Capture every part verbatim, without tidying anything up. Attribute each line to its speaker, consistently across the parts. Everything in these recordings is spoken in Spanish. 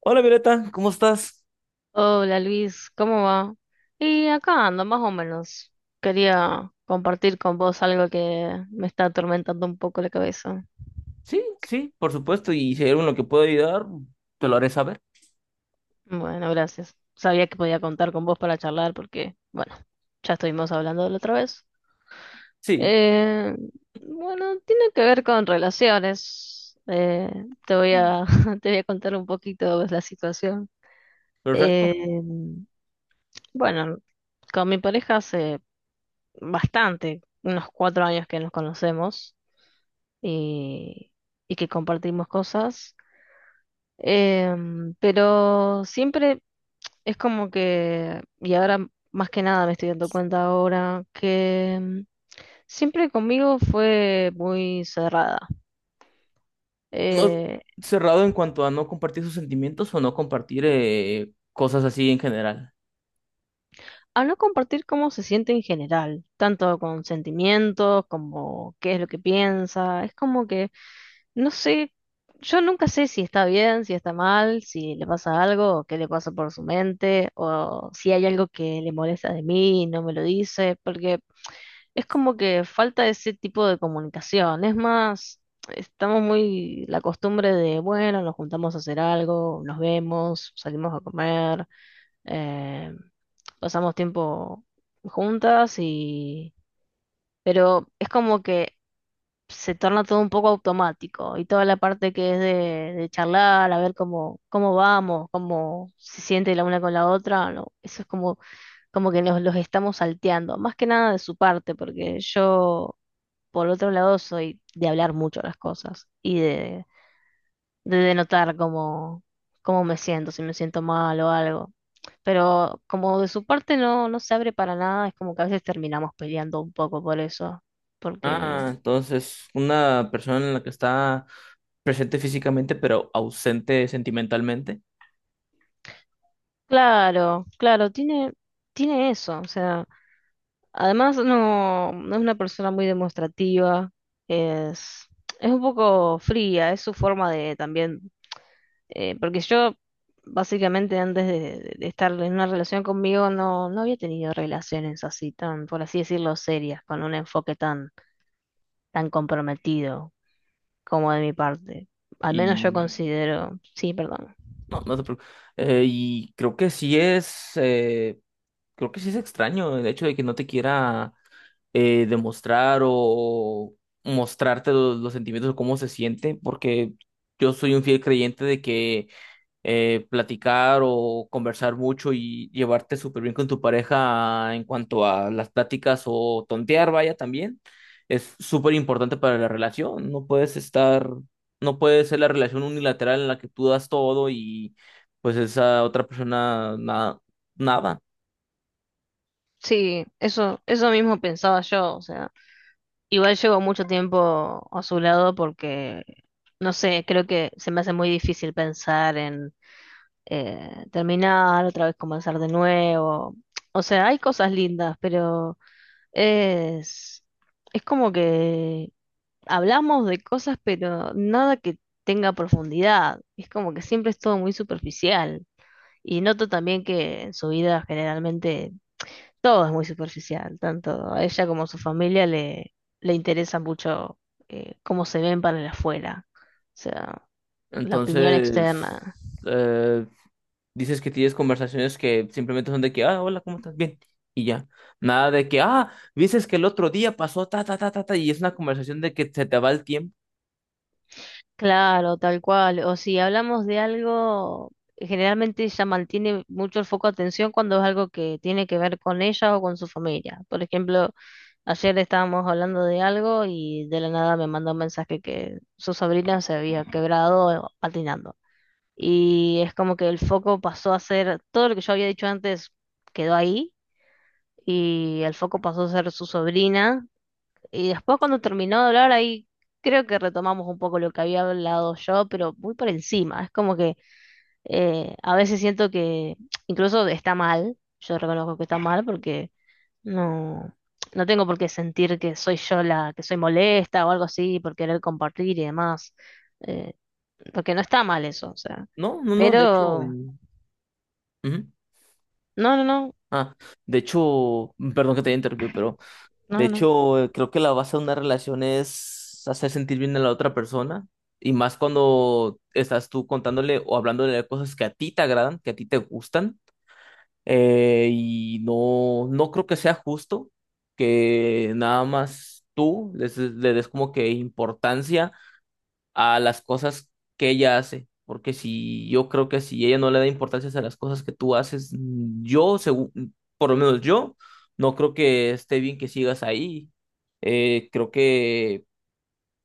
Speaker 1: Hola Violeta, ¿cómo estás?
Speaker 2: Hola Luis, ¿cómo va? Y acá ando, más o menos. Quería compartir con vos algo que me está atormentando un poco la cabeza.
Speaker 1: Sí, sí, por supuesto, y si hay algo en lo que puedo ayudar, te lo haré saber.
Speaker 2: Bueno, gracias. Sabía que podía contar con vos para charlar porque, bueno, ya estuvimos hablando de la otra vez.
Speaker 1: Sí,
Speaker 2: Eh, bueno, tiene que ver con relaciones. Eh, te voy a, te voy a contar un poquito la situación. Eh,
Speaker 1: perfecto.
Speaker 2: bueno, con mi pareja hace bastante, unos cuatro años que nos conocemos. Y, y que compartimos cosas. Em, pero siempre es como que, y ahora más que nada me estoy dando cuenta ahora, que em, siempre conmigo fue muy cerrada.
Speaker 1: No
Speaker 2: Eh,
Speaker 1: cerrado en cuanto a no compartir sus sentimientos o no compartir eh, cosas así en general.
Speaker 2: Al no compartir cómo se siente en general, tanto con sentimientos como qué es lo que piensa, es como que no sé, yo nunca sé si está bien, si está mal, si le pasa algo, o qué le pasa por su mente, o si hay algo que le molesta de mí y no me lo dice, porque es como que falta ese tipo de comunicación. Es más, estamos muy la costumbre de, bueno, nos juntamos a hacer algo, nos vemos, salimos a comer, eh, pasamos tiempo juntas y... Pero es como que se torna todo un poco automático y toda la parte que es de, de charlar, a ver cómo, cómo vamos, cómo se siente la una con la otra, no, eso es como, como que los, los estamos salteando, más que nada de su parte, porque yo, por otro lado, soy de hablar mucho las cosas y de, de denotar cómo, cómo me siento, si me siento mal o algo. Pero como de su parte no, no se abre para nada, es como que a veces terminamos peleando un poco por eso,
Speaker 1: Ah,
Speaker 2: porque
Speaker 1: entonces, una persona en la que está presente físicamente, pero ausente sentimentalmente.
Speaker 2: claro, claro, tiene, tiene eso, o sea, además no, no es una persona muy demostrativa, es, es un poco fría, es su forma de también, eh, porque yo básicamente antes de, de- de estar en una relación conmigo no, no había tenido relaciones así tan, por así decirlo, serias, con un enfoque tan, tan comprometido como de mi parte. Al menos yo
Speaker 1: Y
Speaker 2: considero, sí, perdón.
Speaker 1: no, no te preocupes. Eh, y creo que sí es, eh, creo que sí es extraño el hecho de que no te quiera eh, demostrar o mostrarte lo- los sentimientos o cómo se siente, porque yo soy un fiel creyente de que eh, platicar o conversar mucho y llevarte súper bien con tu pareja en cuanto a las pláticas o tontear, vaya, también es súper importante para la relación. No puedes estar, no puede ser la relación unilateral en la que tú das todo y pues esa otra persona nada, nada.
Speaker 2: Sí, eso, eso mismo pensaba yo, o sea. Igual llevo mucho tiempo a su lado porque, no sé, creo que se me hace muy difícil pensar en eh, terminar, otra vez comenzar de nuevo. O sea, hay cosas lindas, pero es, es como que hablamos de cosas, pero nada que tenga profundidad. Es como que siempre es todo muy superficial. Y noto también que en su vida generalmente todo es muy superficial, tanto a ella como a su familia le, le interesa mucho eh, cómo se ven para el afuera, o sea, la opinión externa.
Speaker 1: Entonces, eh, dices que tienes conversaciones que simplemente son de que, ah, hola, ¿cómo estás? Bien. Y ya. Nada de que, ah, dices que el otro día pasó, ta, ta, ta, ta, ta, y es una conversación de que se te va el tiempo.
Speaker 2: Claro, tal cual. O si hablamos de algo, generalmente ella mantiene mucho el foco de atención cuando es algo que tiene que ver con ella o con su familia. Por ejemplo, ayer estábamos hablando de algo y de la nada me mandó un mensaje que su sobrina se había quebrado patinando. Y es como que el foco pasó a ser, todo lo que yo había dicho antes quedó ahí y el foco pasó a ser su sobrina. Y después cuando terminó de hablar ahí, creo que retomamos un poco lo que había hablado yo, pero muy por encima. Es como que eh, a veces siento que incluso está mal, yo reconozco que está mal porque no, no tengo por qué sentir que soy yo la que soy molesta o algo así por querer compartir y demás. eh, porque no está mal eso, o sea.
Speaker 1: No, no, no, de hecho.
Speaker 2: Pero...
Speaker 1: Ujú.
Speaker 2: No, no, no,
Speaker 1: Ah, de hecho, mm, perdón que te haya interrumpido, pero de
Speaker 2: no, no.
Speaker 1: hecho, eh, creo que la base de una relación es hacer sentir bien a la otra persona. Y más cuando estás tú contándole o hablándole de cosas que a ti te agradan, que a ti te gustan. Eh, y no, no creo que sea justo que nada más tú les- le des como que importancia a las cosas que ella hace. Porque si yo creo que si ella no le da importancia a las cosas que tú haces, mm, yo, segu- por lo menos yo, no creo que esté bien que sigas ahí. Eh, creo que,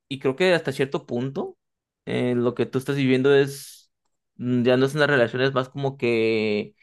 Speaker 1: y creo que hasta cierto punto, eh, lo que tú estás viviendo es, mm, ya no es una relación, es más como que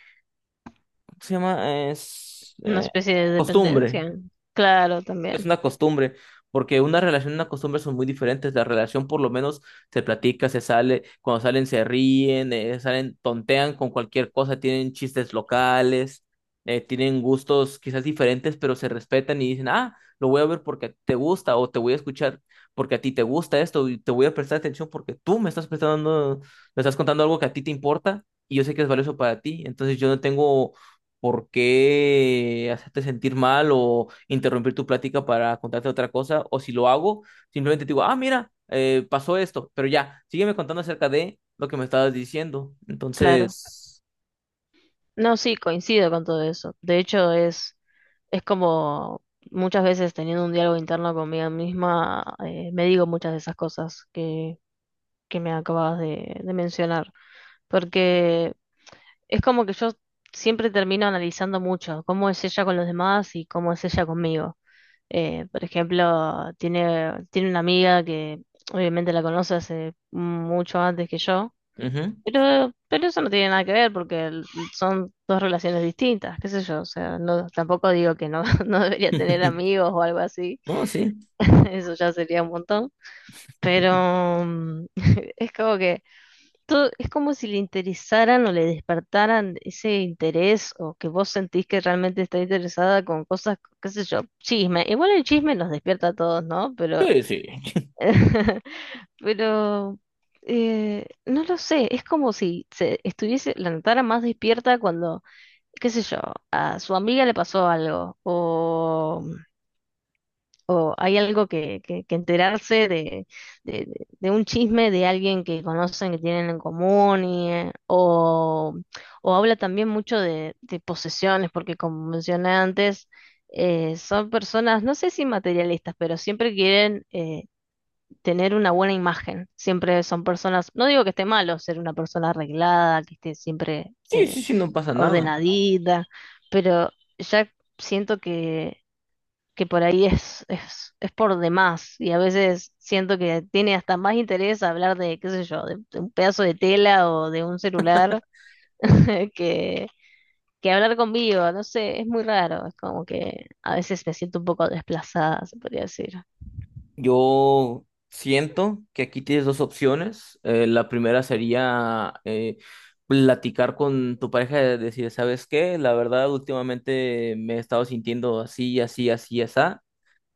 Speaker 1: ¿se llama? Es
Speaker 2: Una
Speaker 1: eh,
Speaker 2: especie de
Speaker 1: costumbre.
Speaker 2: dependencia. Claro,
Speaker 1: Es
Speaker 2: también,
Speaker 1: una costumbre, porque una relación y una costumbre son muy diferentes. La relación por lo menos se platica, se sale, cuando salen se ríen, eh, salen, tontean con cualquier cosa, tienen chistes locales, eh, tienen gustos quizás diferentes, pero se respetan y dicen, ah, lo voy a ver porque te gusta o te voy a escuchar porque a ti te gusta esto y te voy a prestar atención porque tú me estás prestando, me estás contando algo que a ti te importa y yo sé que es valioso para ti, entonces yo no tengo por qué hacerte sentir mal o interrumpir tu plática para contarte otra cosa, o si lo hago, simplemente te digo, ah, mira, eh, pasó esto, pero ya, sígueme contando acerca de lo que me estabas diciendo.
Speaker 2: claro.
Speaker 1: Entonces,
Speaker 2: No, sí, coincido con todo eso. De hecho, es, es como muchas veces teniendo un diálogo interno conmigo misma, eh, me digo muchas de esas cosas que, que me acabas de, de mencionar. Porque es como que yo siempre termino analizando mucho cómo es ella con los demás y cómo es ella conmigo. Eh, por ejemplo, tiene, tiene una amiga que obviamente la conoce hace mucho antes que yo,
Speaker 1: ujú.
Speaker 2: pero, pero eso no tiene nada que ver porque el- son dos relaciones distintas, qué sé yo, o sea, no, tampoco digo que no, no debería tener amigos o algo así,
Speaker 1: No, sí.
Speaker 2: eso ya sería un montón, pero mm, es como que todo- es como si le interesaran o le despertaran ese interés o que vos sentís que realmente está interesada con cosas, qué sé yo, chisme. Igual el chisme nos despierta a todos, ¿no? Pero,
Speaker 1: Sí, sí,
Speaker 2: pero eh, no lo sé, es como si se estuviese, la notara más despierta cuando, qué sé yo, a su amiga le pasó algo o o hay algo que, que, que enterarse de, de, de- de un chisme de alguien que conocen, que tienen en común, y, eh, o, o habla también mucho de, de posesiones, porque como mencioné antes, eh, son personas, no sé si materialistas, pero siempre quieren eh, tener una buena imagen, siempre son personas, no digo que esté malo ser una persona arreglada, que esté siempre
Speaker 1: sí,
Speaker 2: eh,
Speaker 1: sí, sí, no pasa nada.
Speaker 2: ordenadita, pero ya siento que que por ahí es, es, es por demás y a veces siento que tiene hasta más interés hablar de, qué sé yo, de, de un pedazo de tela o de un celular que, que hablar conmigo, no sé, es muy raro, es como que a veces me siento un poco desplazada, se podría decir.
Speaker 1: Yo siento que aquí tienes dos opciones. Eh, la primera sería eh, platicar con tu pareja y decir, ¿sabes qué? La verdad, últimamente me he estado sintiendo así, así, así, así.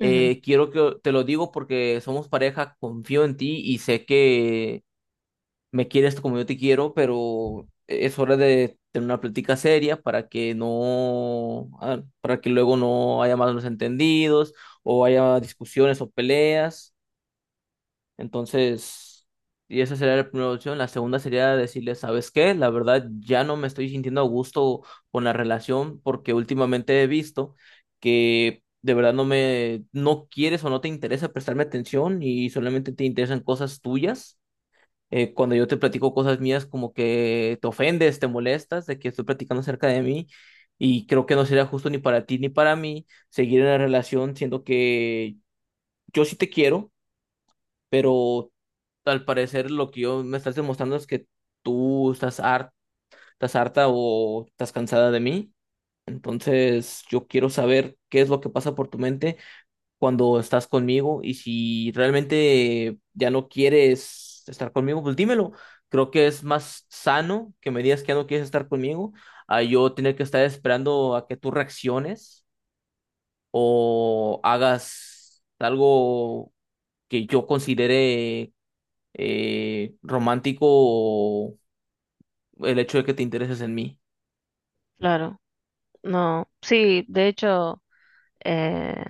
Speaker 2: Ujú,
Speaker 1: Eh, quiero que te lo digo porque somos pareja, confío en ti y sé que me quieres como yo te quiero, pero es hora de tener una plática seria para que no, ah, para que luego no haya malos entendidos o haya discusiones o peleas. Entonces, y esa sería la primera opción. La segunda sería decirle, ¿sabes qué? La verdad, ya no me estoy sintiendo a gusto con la relación porque últimamente he visto que de verdad no me, no quieres o no te interesa prestarme atención y solamente te interesan cosas tuyas. Eh, cuando yo te platico cosas mías, como que te ofendes, te molestas de que estoy platicando acerca de mí y creo que no sería justo ni para ti ni para mí seguir en la relación siendo que yo sí te quiero pero al parecer lo que yo me estás demostrando es que tú estás harta, estás harta o estás cansada de mí. Entonces, yo quiero saber qué es lo que pasa por tu mente cuando estás conmigo y si realmente ya no quieres estar conmigo, pues dímelo. Creo que es más sano que me digas que ya no quieres estar conmigo a yo tener que estar esperando a que tú reacciones o hagas algo que yo considere eh, romántico o el hecho de que te intereses en mí.
Speaker 2: claro. No, sí, de hecho, eh,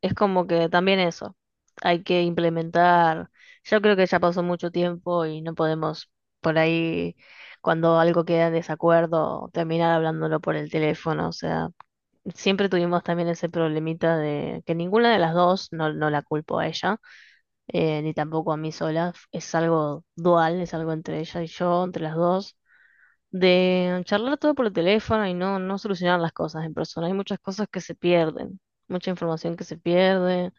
Speaker 2: es como que también eso, hay que implementar, yo creo que ya pasó mucho tiempo y no podemos por ahí, cuando algo queda en desacuerdo, terminar hablándolo por el teléfono, o sea, siempre tuvimos también ese problemita de que ninguna de las dos, no, no la culpo a ella, eh, ni tampoco a mí sola, es algo dual, es algo entre ella y yo, entre las dos de charlar todo por el teléfono y no, no solucionar las cosas en persona. Hay muchas cosas que se pierden, mucha información que se pierde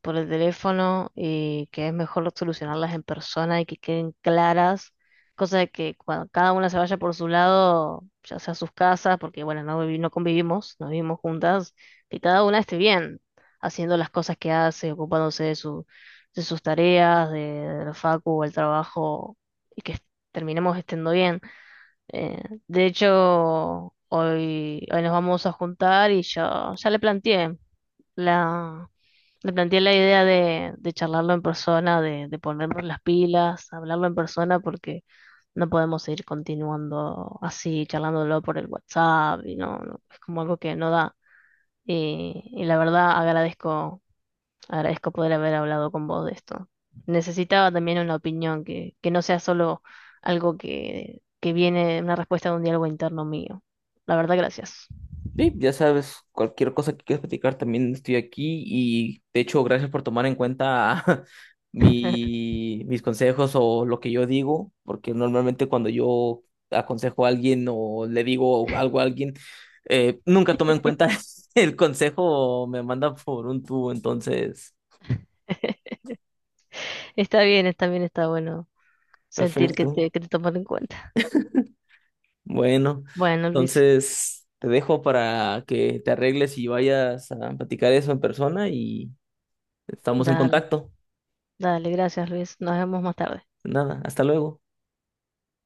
Speaker 2: por el teléfono y que es mejor solucionarlas en persona y que queden claras, cosa de que cuando cada una se vaya por su lado, ya sea a sus casas, porque bueno, no, vivi- no convivimos, no vivimos juntas, que cada una esté bien haciendo las cosas que hace, ocupándose de su, de sus tareas, de, de la facu o el trabajo, y que terminemos estando bien. Eh, de hecho, hoy, hoy nos vamos a juntar y yo ya le planteé la, le planteé la idea de, de charlarlo en persona, de, de ponernos las pilas, hablarlo en persona, porque no podemos seguir continuando así, charlándolo por el WhatsApp, y no, no, es como algo que no da. Y, y la verdad agradezco agradezco poder haber hablado con vos de esto. Necesitaba también una opinión que, que no sea solo algo que, que viene, una respuesta de un diálogo interno mío. La verdad, gracias.
Speaker 1: Sí, ya sabes, cualquier cosa que quieras platicar, también estoy aquí y de hecho, gracias por tomar en cuenta mi, mis consejos o lo que yo digo, porque normalmente cuando yo aconsejo a alguien o le digo algo a alguien, eh, nunca toma en cuenta el consejo o me manda por un tubo, entonces,
Speaker 2: Está bien, está bien, está bueno sentir que
Speaker 1: perfecto.
Speaker 2: te, que te toman en cuenta.
Speaker 1: Bueno,
Speaker 2: Bueno, Luis,
Speaker 1: entonces te dejo para que te arregles y vayas a platicar eso en persona y estamos en
Speaker 2: dale,
Speaker 1: contacto.
Speaker 2: dale, gracias, Luis. Nos vemos más tarde.
Speaker 1: Nada, hasta luego.